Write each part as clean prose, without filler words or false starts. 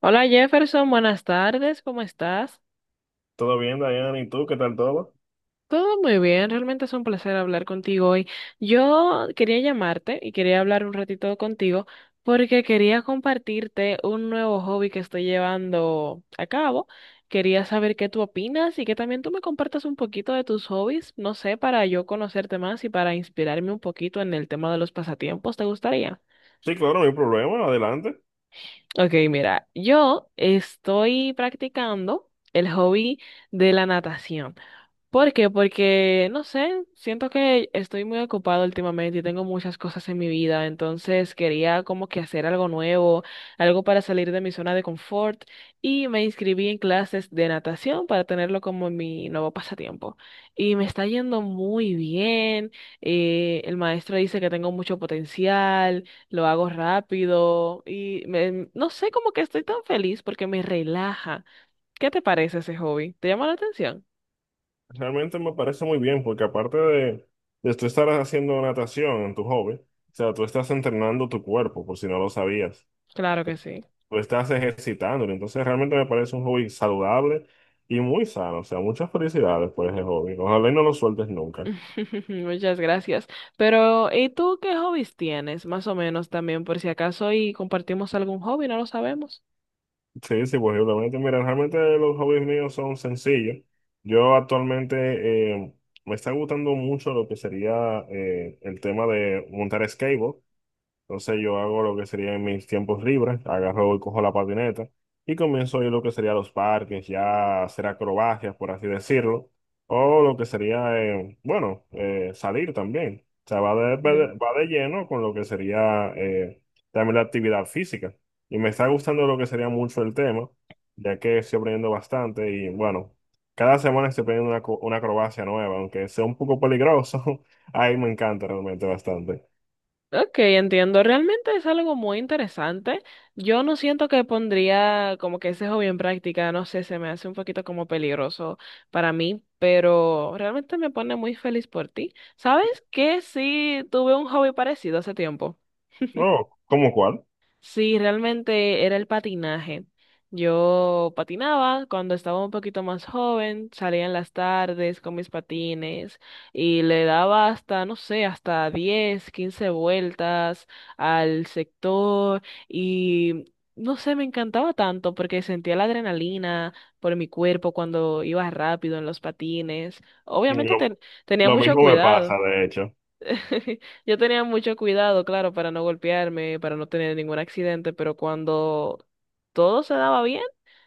Hola Jefferson, buenas tardes, ¿cómo estás? ¿Todo bien, Diana? ¿Y tú? ¿Qué tal todo? Todo muy bien, realmente es un placer hablar contigo hoy. Yo quería llamarte y quería hablar un ratito contigo porque quería compartirte un nuevo hobby que estoy llevando a cabo. Quería saber qué tú opinas y que también tú me compartas un poquito de tus hobbies, no sé, para yo conocerte más y para inspirarme un poquito en el tema de los pasatiempos, ¿te gustaría? Sí, claro, no hay problema, adelante. Ok, mira, yo estoy practicando el hobby de la natación. ¿Por qué? Porque, no sé, siento que estoy muy ocupado últimamente y tengo muchas cosas en mi vida, entonces quería como que hacer algo nuevo, algo para salir de mi zona de confort y me inscribí en clases de natación para tenerlo como mi nuevo pasatiempo. Y me está yendo muy bien, el maestro dice que tengo mucho potencial, lo hago rápido y no sé, como que estoy tan feliz porque me relaja. ¿Qué te parece ese hobby? ¿Te llama la atención? Realmente me parece muy bien, porque aparte de tú estar haciendo natación en tu hobby, o sea, tú estás entrenando tu cuerpo, por si no lo sabías. Claro que sí. Tú estás ejercitándolo, entonces realmente me parece un hobby saludable y muy sano, o sea, muchas felicidades por ese hobby. Ojalá y no lo sueltes nunca. Muchas gracias. Pero, ¿y tú qué hobbies tienes? Más o menos también, por si acaso, y compartimos algún hobby, no lo sabemos. Sí, sí, pues, posiblemente. Mira, realmente los hobbies míos son sencillos. Yo actualmente me está gustando mucho lo que sería el tema de montar skateboard. Entonces yo hago lo que sería en mis tiempos libres, agarro y cojo la patineta y comienzo a ir lo que sería a los parques, ya a hacer acrobacias, por así decirlo, o lo que sería, salir también. O sea, va de, va Mm. de- va de lleno con lo que sería también la actividad física. Y me está gustando lo que sería mucho el tema, ya que estoy aprendiendo bastante y bueno, cada semana estoy aprendiendo una acrobacia nueva, aunque sea un poco peligroso, ahí me encanta realmente bastante. Ok, entiendo. Realmente es algo muy interesante. Yo no siento que pondría como que ese hobby en práctica, no sé, se me hace un poquito como peligroso para mí, pero realmente me pone muy feliz por ti. ¿Sabes qué? Sí, tuve un hobby parecido hace tiempo. Oh, ¿cómo cuál? Sí, realmente era el patinaje. Yo patinaba cuando estaba un poquito más joven, salía en las tardes con mis patines y le daba hasta, no sé, hasta 10, 15 vueltas al sector y no sé, me encantaba tanto porque sentía la adrenalina por mi cuerpo cuando iba rápido en los patines. Obviamente Lo, tenía lo mucho mismo me pasa, cuidado. de hecho. Yo tenía mucho cuidado, claro, para no golpearme, para no tener ningún accidente, pero cuando todo se daba bien,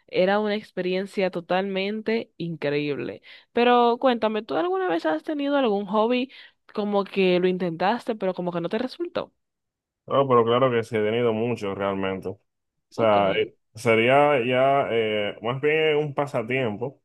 era una experiencia totalmente increíble. Pero cuéntame, ¿tú alguna vez has tenido algún hobby como que lo intentaste, pero como que no te resultó? No, pero claro que sí, he tenido mucho realmente. O Ok, sea, sería ya más bien un pasatiempo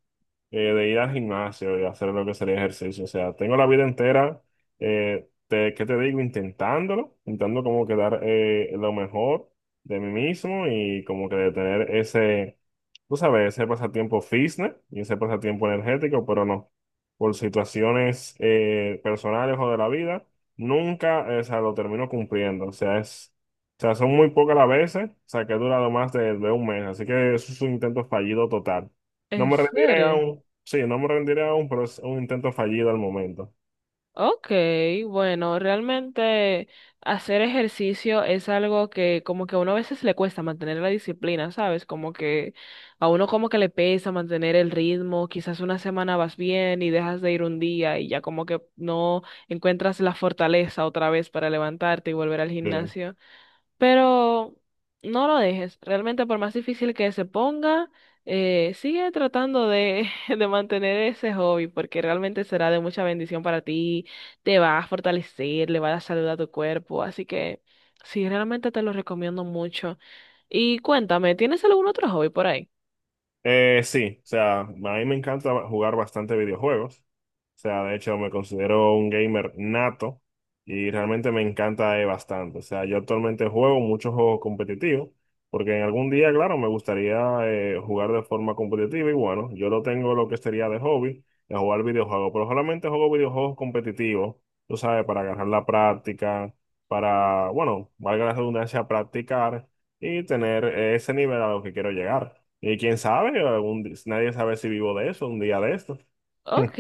de ir al gimnasio y hacer lo que sería ejercicio. O sea, tengo la vida entera, ¿qué te digo? Intentándolo, intentando como quedar lo mejor de mí mismo y como que de tener ese, tú sabes, ese pasatiempo fitness y ese pasatiempo energético, pero no, por situaciones personales o de la vida. Nunca, o sea, lo termino cumpliendo. O sea, o sea, son muy pocas las veces, o sea, que he durado más de un mes. Así que eso es un intento fallido total. No ¿en me rendiré serio? aún, sí, no me rendiré aún, pero es un intento fallido al momento. Ok, bueno, realmente hacer ejercicio es algo que como que a uno a veces le cuesta mantener la disciplina, ¿sabes? Como que a uno como que le pesa mantener el ritmo, quizás una semana vas bien y dejas de ir un día y ya como que no encuentras la fortaleza otra vez para levantarte y volver al Bien. gimnasio. Pero no lo dejes. Realmente, por más difícil que se ponga, sigue tratando de, de mantener ese hobby, porque realmente será de mucha bendición para ti. Te va a fortalecer, le va a dar salud a tu cuerpo. Así que sí, realmente te lo recomiendo mucho. Y cuéntame, ¿tienes algún otro hobby por ahí? Sí, o sea, a mí me encanta jugar bastante videojuegos. O sea, de hecho, me considero un gamer nato y realmente me encanta bastante. O sea, yo actualmente juego muchos juegos competitivos porque en algún día, claro, me gustaría jugar de forma competitiva y bueno, yo lo tengo lo que sería de hobby, de jugar videojuegos, pero solamente juego videojuegos competitivos, tú sabes, para agarrar la práctica, para, bueno, valga la redundancia, practicar y tener ese nivel a lo que quiero llegar. Y quién sabe, nadie sabe si vivo de eso un día de estos. Ok,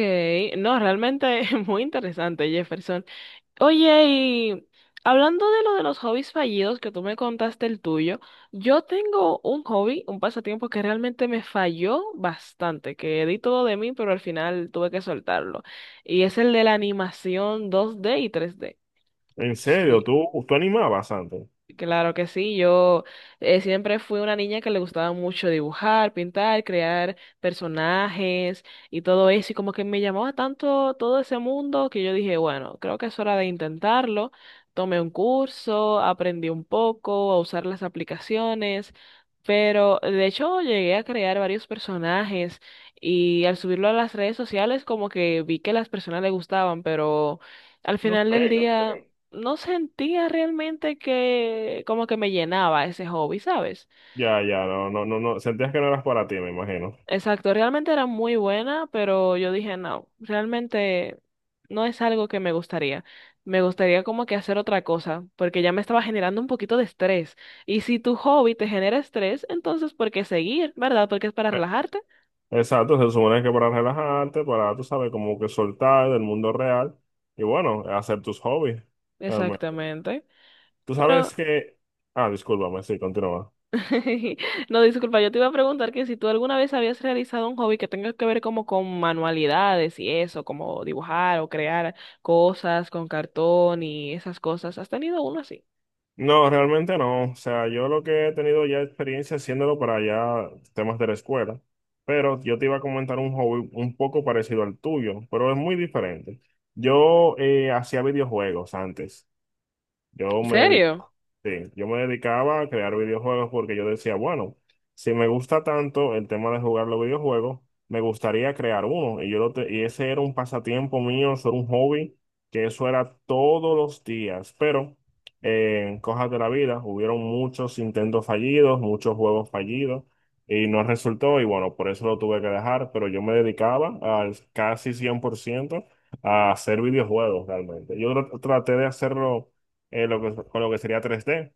no, realmente es muy interesante, Jefferson. Oye, y hablando de lo de los hobbies fallidos, que tú me contaste el tuyo, yo tengo un hobby, un pasatiempo que realmente me falló bastante, que di todo de mí, pero al final tuve que soltarlo. Y es el de la animación 2D y 3D. En serio, Sí. tú animabas antes. Claro que sí, yo siempre fui una niña que le gustaba mucho dibujar, pintar, crear personajes y todo eso, y como que me llamaba tanto todo ese mundo que yo dije, bueno, creo que es hora de intentarlo. Tomé un curso, aprendí un poco a usar las aplicaciones, pero de hecho llegué a crear varios personajes y al subirlo a las redes sociales como que vi que las personas le gustaban, pero... Al No final sé, del no día sé. no sentía realmente que como que me llenaba ese hobby, ¿sabes? Ya, ya, no, no, no, no. Sentías que no eras para ti, me imagino. Exacto, realmente era muy buena, pero yo dije, no, realmente no es algo que me gustaría. Me gustaría como que hacer otra cosa, porque ya me estaba generando un poquito de estrés. Y si tu hobby te genera estrés, entonces ¿por qué seguir, verdad? Porque es para Eh, relajarte. Exacto, se supone que para relajarte, para, tú sabes, como que soltar del mundo real y bueno, hacer tus hobbies. Realmente. Exactamente. Tú Pero sabes que. Ah, discúlpame, sí, continúa. no, disculpa, yo te iba a preguntar que si tú alguna vez habías realizado un hobby que tenga que ver como con manualidades y eso, como dibujar o crear cosas con cartón y esas cosas. ¿Has tenido uno así? No, realmente no. O sea, yo lo que he tenido ya experiencia haciéndolo para ya temas de la escuela. Pero yo te iba a comentar un hobby un poco parecido al tuyo, pero es muy diferente. Yo hacía videojuegos antes. Yo ¿En me dedic- serio? sí, yo me dedicaba a crear videojuegos porque yo decía, bueno, si me gusta tanto el tema de jugar los videojuegos, me gustaría crear uno. Y ese era un pasatiempo mío, eso era un hobby, que eso era todos los días. Pero en cosas de la vida, hubieron muchos intentos fallidos, muchos juegos fallidos, y no resultó. Y bueno, por eso lo tuve que dejar, pero yo me dedicaba al casi 100% a hacer videojuegos realmente. Traté de hacerlo con lo que sería 3D.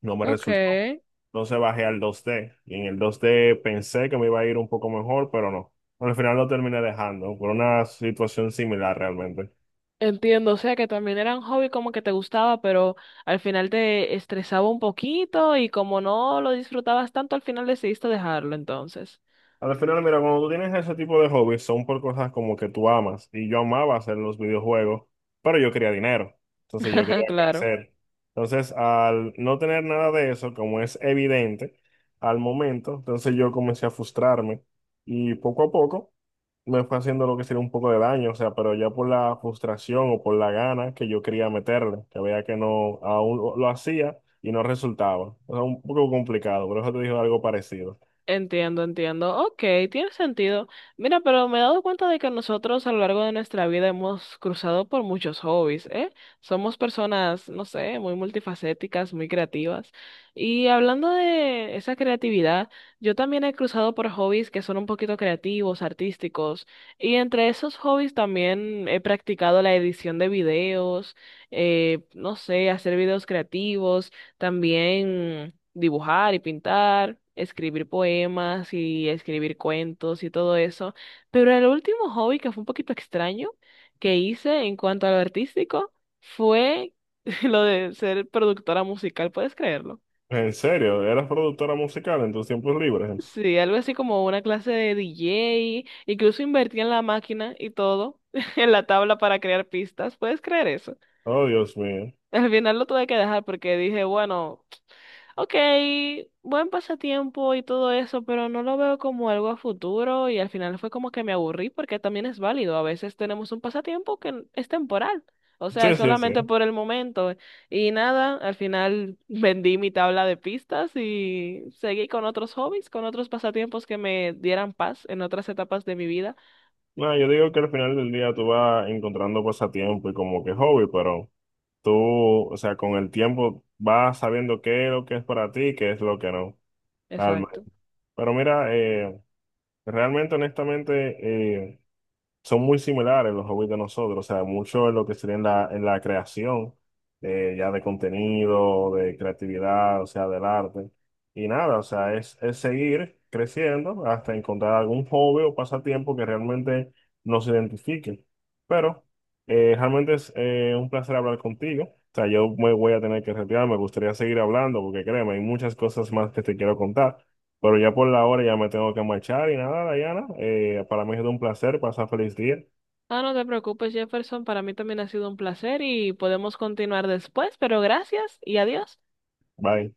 No me Ok. resultó. Entonces bajé al 2D. Y en el 2D pensé que me iba a ir un poco mejor, pero no. Al final lo terminé dejando por una situación similar realmente. Entiendo, o sea que también era un hobby como que te gustaba, pero al final te estresaba un poquito y como no lo disfrutabas tanto, al final decidiste dejarlo entonces. Al final, mira, cuando tú tienes ese tipo de hobbies, son por cosas como que tú amas. Y yo amaba hacer los videojuegos, pero yo quería dinero. Entonces yo quería Claro. crecer. Entonces, al no tener nada de eso, como es evidente al momento, entonces yo comencé a frustrarme. Y poco a poco me fue haciendo lo que sería un poco de daño, o sea, pero ya por la frustración o por la gana que yo quería meterle, que veía que no, aún lo hacía y no resultaba. O sea, un poco complicado, por eso te digo algo parecido. Entiendo, entiendo. Ok, tiene sentido. Mira, pero me he dado cuenta de que nosotros a lo largo de nuestra vida hemos cruzado por muchos hobbies, ¿eh? Somos personas, no sé, muy multifacéticas, muy creativas. Y hablando de esa creatividad, yo también he cruzado por hobbies que son un poquito creativos, artísticos. Y entre esos hobbies también he practicado la edición de videos, no sé, hacer videos creativos también, dibujar y pintar, escribir poemas y escribir cuentos y todo eso. Pero el último hobby que fue un poquito extraño que hice en cuanto a lo artístico fue lo de ser productora musical, ¿puedes creerlo? En serio, eras productora musical en tus tiempos libres. Sí, algo así como una clase de DJ, incluso invertí en la máquina y todo, en la tabla para crear pistas, ¿puedes creer eso? Oh, Dios mío. Al final lo tuve que dejar porque dije, bueno, ok, buen pasatiempo y todo eso, pero no lo veo como algo a futuro y al final fue como que me aburrí porque también es válido. A veces tenemos un pasatiempo que es temporal, o sea, es Sí, sí, solamente sí. por el momento y nada, al final vendí mi tabla de pistas y seguí con otros hobbies, con otros pasatiempos que me dieran paz en otras etapas de mi vida. No, yo digo que al final del día tú vas encontrando pasatiempo y como que hobby, pero tú, o sea, con el tiempo vas sabiendo qué es lo que es para ti y qué es lo que no. Alma. Exacto. Pero mira, realmente, honestamente, eh, son muy similares los hobbies de nosotros, o sea, mucho en lo que sería en en la creación, ya de contenido, de creatividad, o sea, del arte. Y nada, o sea, es seguir creciendo hasta encontrar algún hobby o pasatiempo que realmente nos identifique. Pero realmente es un placer hablar contigo. O sea, yo me voy a tener que retirar, me gustaría seguir hablando porque créeme, hay muchas cosas más que te quiero contar. Pero ya por la hora ya me tengo que marchar y nada, Dayana. Para mí es un placer. Pasa feliz día. Ah, no te preocupes, Jefferson, para mí también ha sido un placer y podemos continuar después, pero gracias y adiós. Bye.